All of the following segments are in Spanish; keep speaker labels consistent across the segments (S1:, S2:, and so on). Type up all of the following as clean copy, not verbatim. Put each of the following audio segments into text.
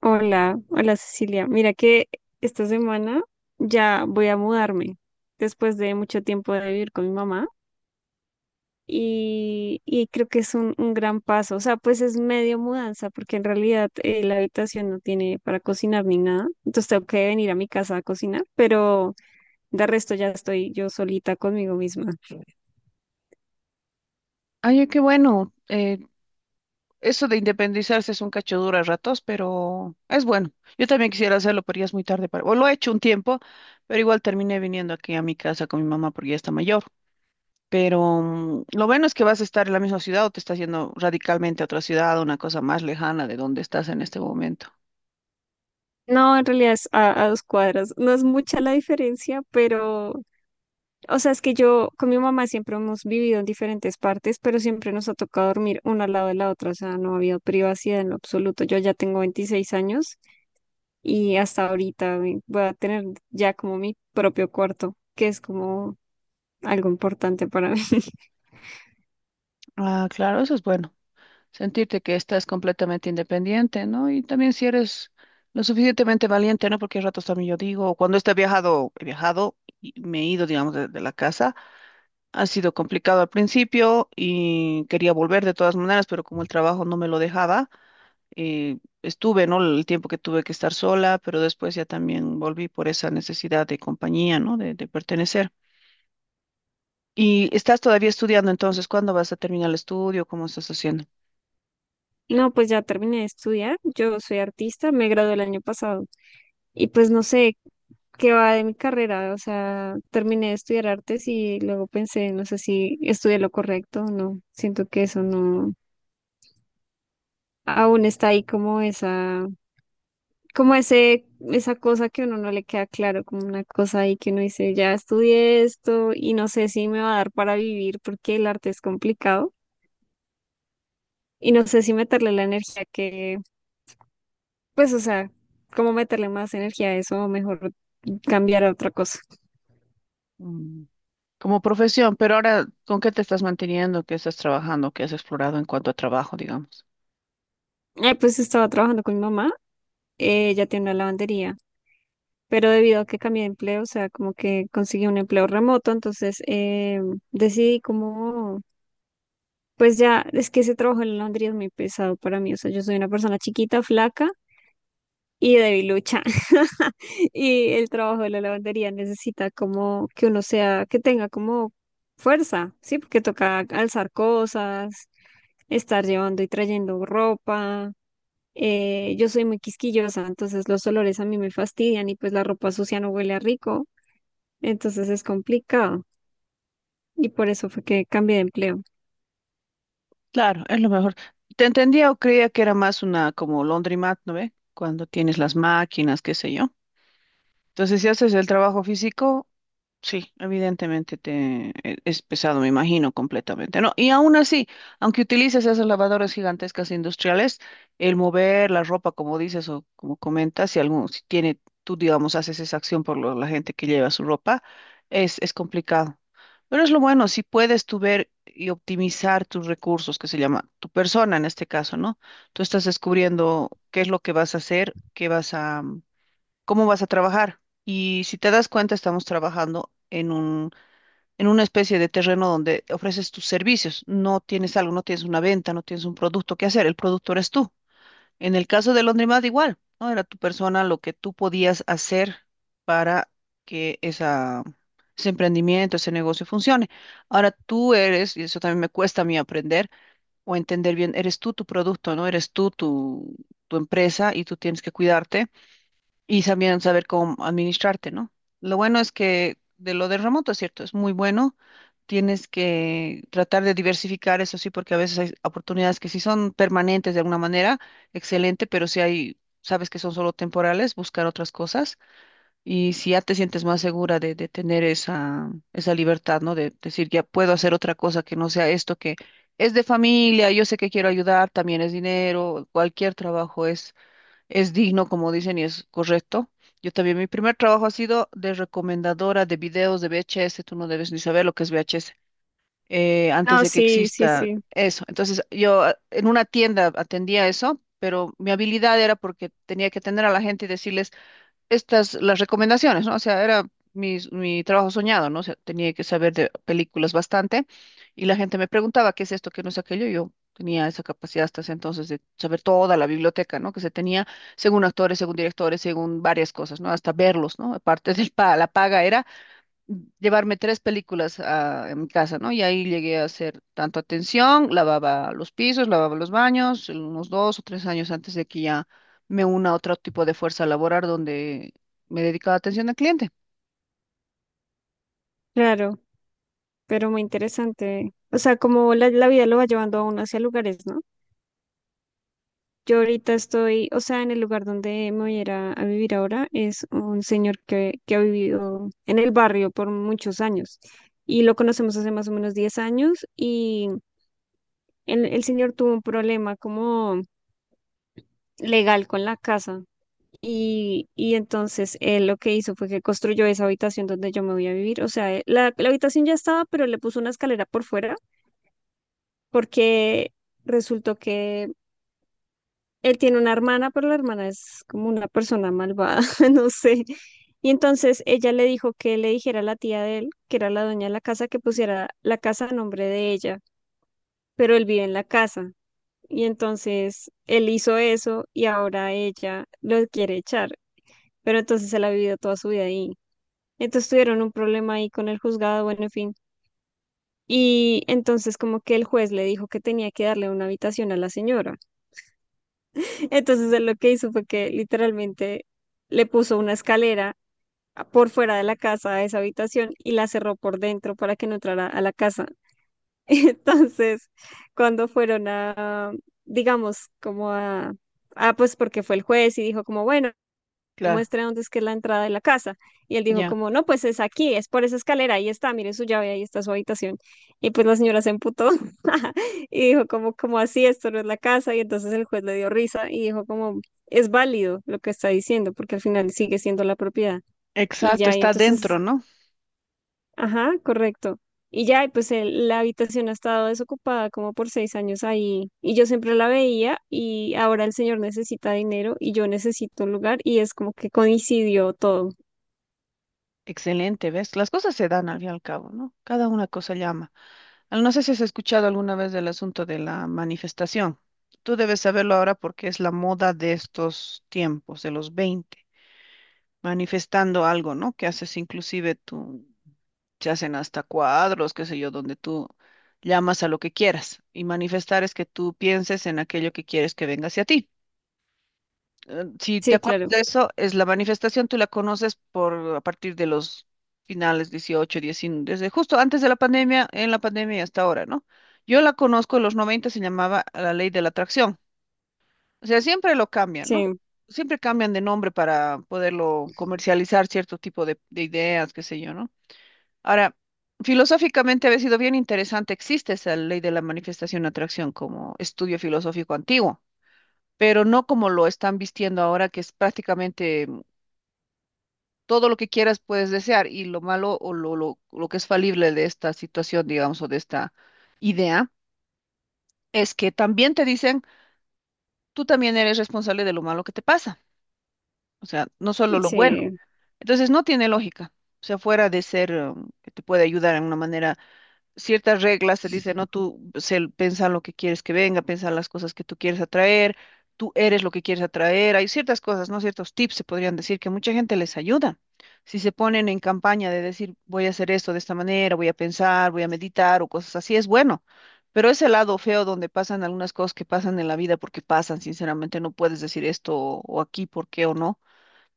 S1: Hola, hola, Cecilia. Mira que esta semana ya voy a mudarme después de mucho tiempo de vivir con mi mamá y creo que es un gran paso. O sea, pues es medio mudanza porque en realidad la habitación no tiene para cocinar ni nada. Entonces tengo que venir a mi casa a cocinar, pero de resto ya estoy yo solita conmigo misma.
S2: Ay, qué bueno. Eso de independizarse es un cacho duro a ratos, pero es bueno. Yo también quisiera hacerlo, pero ya es muy tarde para... O lo he hecho un tiempo, pero igual terminé viniendo aquí a mi casa con mi mamá porque ya está mayor. Pero lo bueno es que vas a estar en la misma ciudad o te estás yendo radicalmente a otra ciudad, una cosa más lejana de donde estás en este momento.
S1: No, en realidad es a dos cuadras. No es mucha la diferencia, pero, o sea, es que yo con mi mamá siempre hemos vivido en diferentes partes, pero siempre nos ha tocado dormir una al lado de la otra, o sea, no ha habido privacidad en lo absoluto. Yo ya tengo 26 años y hasta ahorita voy a tener ya como mi propio cuarto, que es como algo importante para mí.
S2: Ah, claro, eso es bueno. Sentirte que estás completamente independiente, ¿no? Y también si eres lo suficientemente valiente, ¿no? Porque a ratos también yo digo, cuando he viajado y me he ido, digamos, de la casa, ha sido complicado al principio y quería volver de todas maneras, pero como el trabajo no me lo dejaba, estuve, ¿no? El tiempo que tuve que estar sola, pero después ya también volví por esa necesidad de compañía, ¿no? De pertenecer. Y estás todavía estudiando, entonces, ¿cuándo vas a terminar el estudio? ¿Cómo estás haciendo?
S1: No, pues ya terminé de estudiar. Yo soy artista, me gradué el año pasado y pues no sé qué va de mi carrera. O sea, terminé de estudiar artes y luego pensé, no sé si estudié lo correcto o no. Siento que eso no, aún está ahí como esa, como ese, esa cosa que a uno no le queda claro, como una cosa ahí que uno dice, ya estudié esto y no sé si me va a dar para vivir porque el arte es complicado y no sé si meterle la energía que. Pues, o sea, ¿cómo meterle más energía a eso? Mejor cambiar a otra cosa.
S2: Mm, como profesión, pero ahora, ¿con qué te estás manteniendo? ¿Qué estás trabajando? ¿Qué has explorado en cuanto a trabajo, digamos?
S1: Pues estaba trabajando con mi mamá, ella tiene una lavandería, pero debido a que cambié de empleo, o sea, como que conseguí un empleo remoto, entonces decidí como, pues ya, es que ese trabajo en la lavandería es muy pesado para mí, o sea, yo soy una persona chiquita, flaca, y debilucha. Y el trabajo de la lavandería necesita como que uno sea, que tenga como fuerza, ¿sí? Porque toca alzar cosas, estar llevando y trayendo ropa. Yo soy muy quisquillosa, entonces los olores a mí me fastidian y pues la ropa sucia no huele a rico, entonces es complicado. Y por eso fue que cambié de empleo.
S2: Claro, es lo mejor. Te entendía o creía que era más una como laundromat, ¿no ve? Cuando tienes las máquinas, qué sé yo. Entonces, si haces el trabajo físico, sí, evidentemente es pesado, me imagino, completamente, ¿no? Y aún así, aunque utilices esas lavadoras gigantescas industriales, el mover la ropa, como dices o como comentas, si tiene, tú, digamos, haces esa acción por la gente que lleva su ropa, es complicado. Pero es lo bueno, si puedes tú ver y optimizar tus recursos, que se llama tu persona en este caso, ¿no? Tú estás descubriendo qué es lo que vas a hacer, qué vas a cómo vas a trabajar. Y si te das cuenta, estamos trabajando en una especie de terreno donde ofreces tus servicios. No tienes algo, no tienes una venta, no tienes un producto que hacer. El producto eres tú. En el caso de Laundromat, igual, ¿no? Era tu persona lo que tú podías hacer para que ese emprendimiento, ese negocio funcione. Ahora tú eres, y eso también me cuesta a mí aprender o entender bien, eres tú tu producto, ¿no? Eres tu empresa y tú tienes que cuidarte y también saber cómo administrarte, ¿no? Lo bueno es que de lo de remoto, es cierto, es muy bueno. Tienes que tratar de diversificar, eso sí, porque a veces hay oportunidades que sí son permanentes de alguna manera, excelente, pero si hay, sabes que son solo temporales, buscar otras cosas. Y si ya te sientes más segura de tener esa libertad, ¿no? De decir, ya puedo hacer otra cosa que no sea esto que es de familia, yo sé que quiero ayudar, también es dinero, cualquier trabajo es digno, como dicen, y es correcto. Yo también, mi primer trabajo ha sido de recomendadora de videos de VHS. Tú no debes ni saber lo que es VHS, antes
S1: No,
S2: de que
S1: sí, sí,
S2: exista
S1: sí,
S2: eso. Entonces, yo ah, en una tienda atendía eso, pero mi habilidad era porque tenía que atender a la gente y decirles, estas, las recomendaciones, ¿no? O sea, era mi trabajo soñado, ¿no? O sea, tenía que saber de películas bastante y la gente me preguntaba qué es esto, qué no es aquello. Y yo tenía esa capacidad hasta ese entonces de saber toda la biblioteca, ¿no? Que se tenía según actores, según directores, según varias cosas, ¿no? Hasta verlos, ¿no? Aparte de la paga era llevarme 3 películas a mi casa, ¿no? Y ahí llegué a hacer tanto atención, lavaba los pisos, lavaba los baños, unos 2 o 3 años antes de que ya me una a otro tipo de fuerza laboral donde me dedicaba a atención al cliente.
S1: claro, pero muy interesante. O sea, como la vida lo va llevando a uno hacia lugares, ¿no? Yo ahorita estoy, o sea, en el lugar donde me voy a ir a vivir ahora es un señor que ha vivido en el barrio por muchos años y lo conocemos hace más o menos 10 años y el señor tuvo un problema como legal con la casa y entonces él lo que hizo fue que construyó esa habitación donde yo me voy a vivir, o sea, la habitación ya estaba, pero le puso una escalera por fuera porque resultó que él tiene una hermana, pero la hermana es como una persona malvada, no sé. Y entonces ella le dijo que le dijera a la tía de él, que era la dueña de la casa, que pusiera la casa a nombre de ella, pero él vive en la casa. Y entonces él hizo eso y ahora ella lo quiere echar, pero entonces él ha vivido toda su vida ahí. Entonces tuvieron un problema ahí con el juzgado, bueno, en fin. Y entonces como que el juez le dijo que tenía que darle una habitación a la señora. Entonces él lo que hizo fue que literalmente le puso una escalera por fuera de la casa a esa habitación y la cerró por dentro para que no entrara a la casa. Entonces, cuando fueron digamos, como pues porque fue el juez y dijo como, bueno,
S2: Claro,
S1: muestre dónde es que es la entrada de la casa. Y él dijo
S2: ya.
S1: como, no, pues es aquí, es por esa escalera, ahí está, mire su llave, ahí está su habitación. Y pues la señora se emputó y dijo como, como así, esto no es la casa. Y entonces el juez le dio risa y dijo como, es válido lo que está diciendo, porque al final sigue siendo la propiedad. Y
S2: Exacto,
S1: ya, y
S2: está dentro,
S1: entonces,
S2: ¿no?
S1: ajá, correcto. Y ya, y pues la habitación ha estado desocupada como por 6 años ahí y yo siempre la veía y ahora el señor necesita dinero y yo necesito un lugar y es como que coincidió todo.
S2: Excelente, ¿ves? Las cosas se dan al fin y al cabo, ¿no? Cada una cosa llama. No sé si has escuchado alguna vez del asunto de la manifestación. Tú debes saberlo ahora porque es la moda de estos tiempos, de los 20. Manifestando algo, ¿no? Que haces inclusive tú, se hacen hasta cuadros, qué sé yo, donde tú llamas a lo que quieras. Y manifestar es que tú pienses en aquello que quieres que venga hacia ti. Si te
S1: Sí,
S2: acuerdas
S1: claro,
S2: de eso, es la manifestación, tú la conoces por a partir de los finales 18 19, desde justo antes de la pandemia, en la pandemia y hasta ahora, ¿no? Yo la conozco en los 90, se llamaba la ley de la atracción. O sea, siempre lo cambian, ¿no?
S1: sí,
S2: Siempre cambian de nombre para poderlo comercializar cierto tipo de ideas, qué sé yo, ¿no? Ahora, filosóficamente había sido bien interesante, existe esa ley de la manifestación atracción como estudio filosófico antiguo, pero no como lo están vistiendo ahora, que es prácticamente todo lo que quieras puedes desear y lo malo o lo que es falible de esta situación, digamos, o de esta idea, es que también te dicen, tú también eres responsable de lo malo que te pasa. O sea, no solo lo bueno.
S1: sí,
S2: Entonces no tiene lógica. O sea, fuera de ser que te puede ayudar en una manera, ciertas reglas te dicen, no, piensa lo que quieres que venga, piensa las cosas que tú quieres atraer, tú eres lo que quieres atraer. Hay ciertas cosas, ¿no? Ciertos tips se podrían decir que mucha gente les ayuda. Si se ponen en campaña de decir, voy a hacer esto de esta manera, voy a pensar, voy a meditar o cosas así, es bueno. Pero ese lado feo donde pasan algunas cosas que pasan en la vida porque pasan, sinceramente, no puedes decir esto o aquí, por qué o no,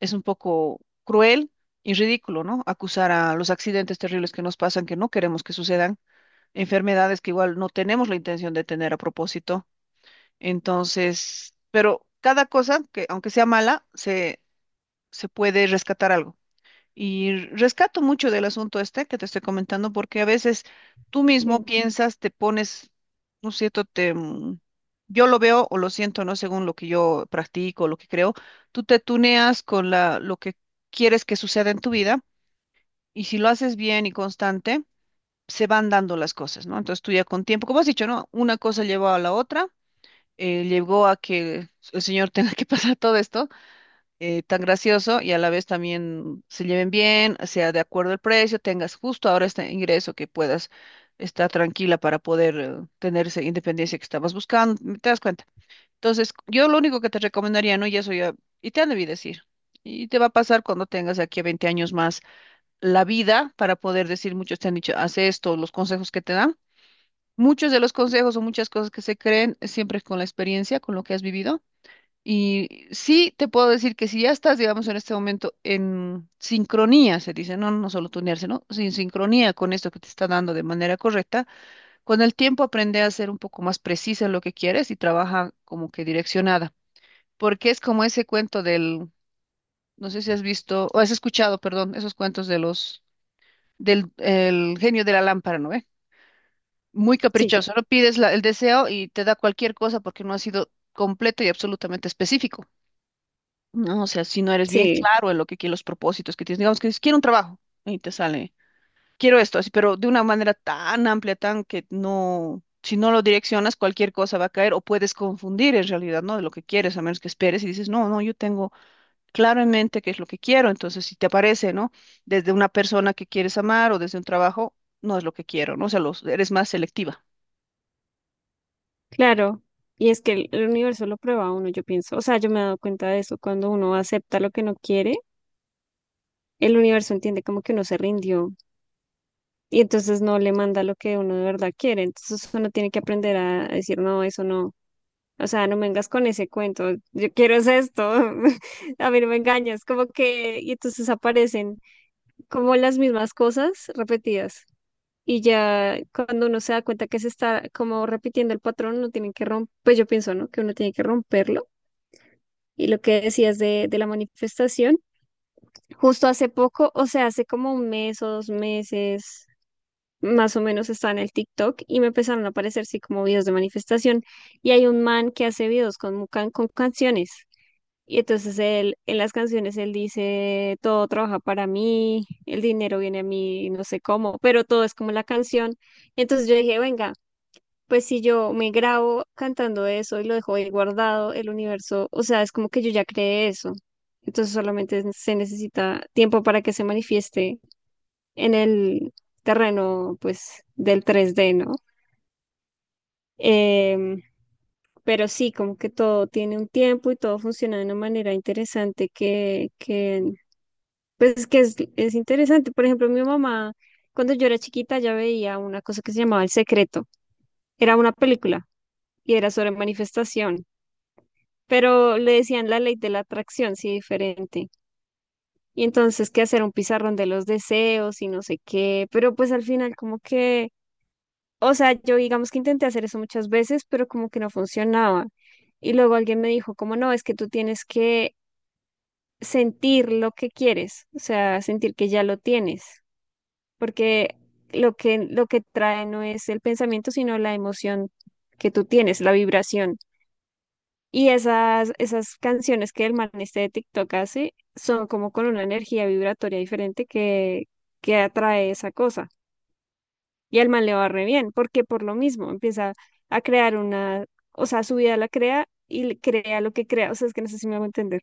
S2: es un poco cruel y ridículo, ¿no? Acusar a los accidentes terribles que nos pasan, que no queremos que sucedan, enfermedades que igual no tenemos la intención de tener a propósito. Entonces, pero cada cosa que, aunque sea mala, se puede rescatar algo. Y rescato mucho del asunto este que te estoy comentando, porque a veces tú mismo
S1: sí,
S2: piensas, te pones, no es cierto, yo lo veo o lo siento, ¿no? Según lo que yo practico, lo que creo, tú te tuneas con lo que quieres que suceda en tu vida y si lo haces bien y constante, se van dando las cosas, ¿no? Entonces tú ya con tiempo, como has dicho, ¿no? Una cosa llevó a la otra, llegó a que el Señor tenga que pasar todo esto tan gracioso y a la vez también se lleven bien, sea de acuerdo el precio, tengas justo ahora este ingreso que puedas estar tranquila para poder tener esa independencia que estabas buscando, ¿te das cuenta? Entonces, yo lo único que te recomendaría, ¿no? Y eso ya, y te han debido decir, y te va a pasar cuando tengas de aquí a 20 años más, la vida para poder decir, muchos te han dicho, haz esto, los consejos que te dan. Muchos de los consejos o muchas cosas que se creen siempre con la experiencia, con lo que has vivido y sí, te puedo decir que si ya estás, digamos, en este momento en sincronía, se dice, no, no solo tunearse, ¿no? Sin sincronía con esto que te está dando de manera correcta, con el tiempo aprende a ser un poco más precisa en lo que quieres y trabaja como que direccionada. Porque es como ese cuento del, no sé si has visto, o has escuchado, perdón, esos cuentos de los, del el genio de la lámpara, ¿no? Eh, muy
S1: sí,
S2: caprichoso, no pides el deseo y te da cualquier cosa porque no ha sido completo y absolutamente específico. No, o sea, si no eres bien
S1: sí,
S2: claro en lo que quieres, los propósitos que tienes, digamos que dices, quiero un trabajo y te sale, quiero esto, así, pero de una manera tan amplia, tan que no, si no lo direccionas, cualquier cosa va a caer o puedes confundir en realidad, ¿no? De lo que quieres, a menos que esperes y dices, no, no, yo tengo claro en mente qué es lo que quiero, entonces si te aparece, ¿no? Desde una persona que quieres amar o desde un trabajo, no es lo que quiero, ¿no? O sea, los, eres más selectiva.
S1: claro. Y es que el universo lo prueba a uno, yo pienso. O sea, yo me he dado cuenta de eso. Cuando uno acepta lo que no quiere, el universo entiende como que uno se rindió y entonces no le manda lo que uno de verdad quiere. Entonces uno tiene que aprender a decir, no, eso no. O sea, no me vengas con ese cuento. Yo quiero es esto. A mí no me engañas. Como que, y entonces aparecen como las mismas cosas repetidas. Y ya cuando uno se da cuenta que se está como repitiendo el patrón, uno tiene que romper, pues yo pienso, ¿no? Que uno tiene que romperlo. Y lo que decías de la manifestación, justo hace poco, o sea, hace como un mes o 2 meses, más o menos estaba en el TikTok y me empezaron a aparecer, sí, como videos de manifestación. Y hay un man que hace videos con, con canciones. Y entonces él, en las canciones, él dice, todo trabaja para mí, el dinero viene a mí, no sé cómo, pero todo es como la canción. Entonces yo dije, venga, pues si yo me grabo cantando eso y lo dejo ahí guardado, el universo, o sea, es como que yo ya creé eso. Entonces solamente se necesita tiempo para que se manifieste en el terreno, pues, del 3D, ¿no? Em, pero sí, como que todo tiene un tiempo y todo funciona de una manera interesante que pues, que es, interesante. Por ejemplo, mi mamá, cuando yo era chiquita, ya veía una cosa que se llamaba El Secreto. Era una película y era sobre manifestación, pero le decían la ley de la atracción, sí, diferente. Y entonces qué hacer un pizarrón de los deseos y no sé qué, pero pues al final como que, o sea, yo digamos que intenté hacer eso muchas veces, pero como que no funcionaba. Y luego alguien me dijo, como no, es que tú tienes que sentir lo que quieres, o sea, sentir que ya lo tienes, porque lo que trae no es el pensamiento, sino la emoción que tú tienes, la vibración. Y esas canciones que el man este de TikTok hace son como con una energía vibratoria diferente que atrae esa cosa. Y al man le va re bien, porque por lo mismo empieza a crear una, o sea, su vida la crea y crea lo que crea. O sea, es que no sé si me hago entender.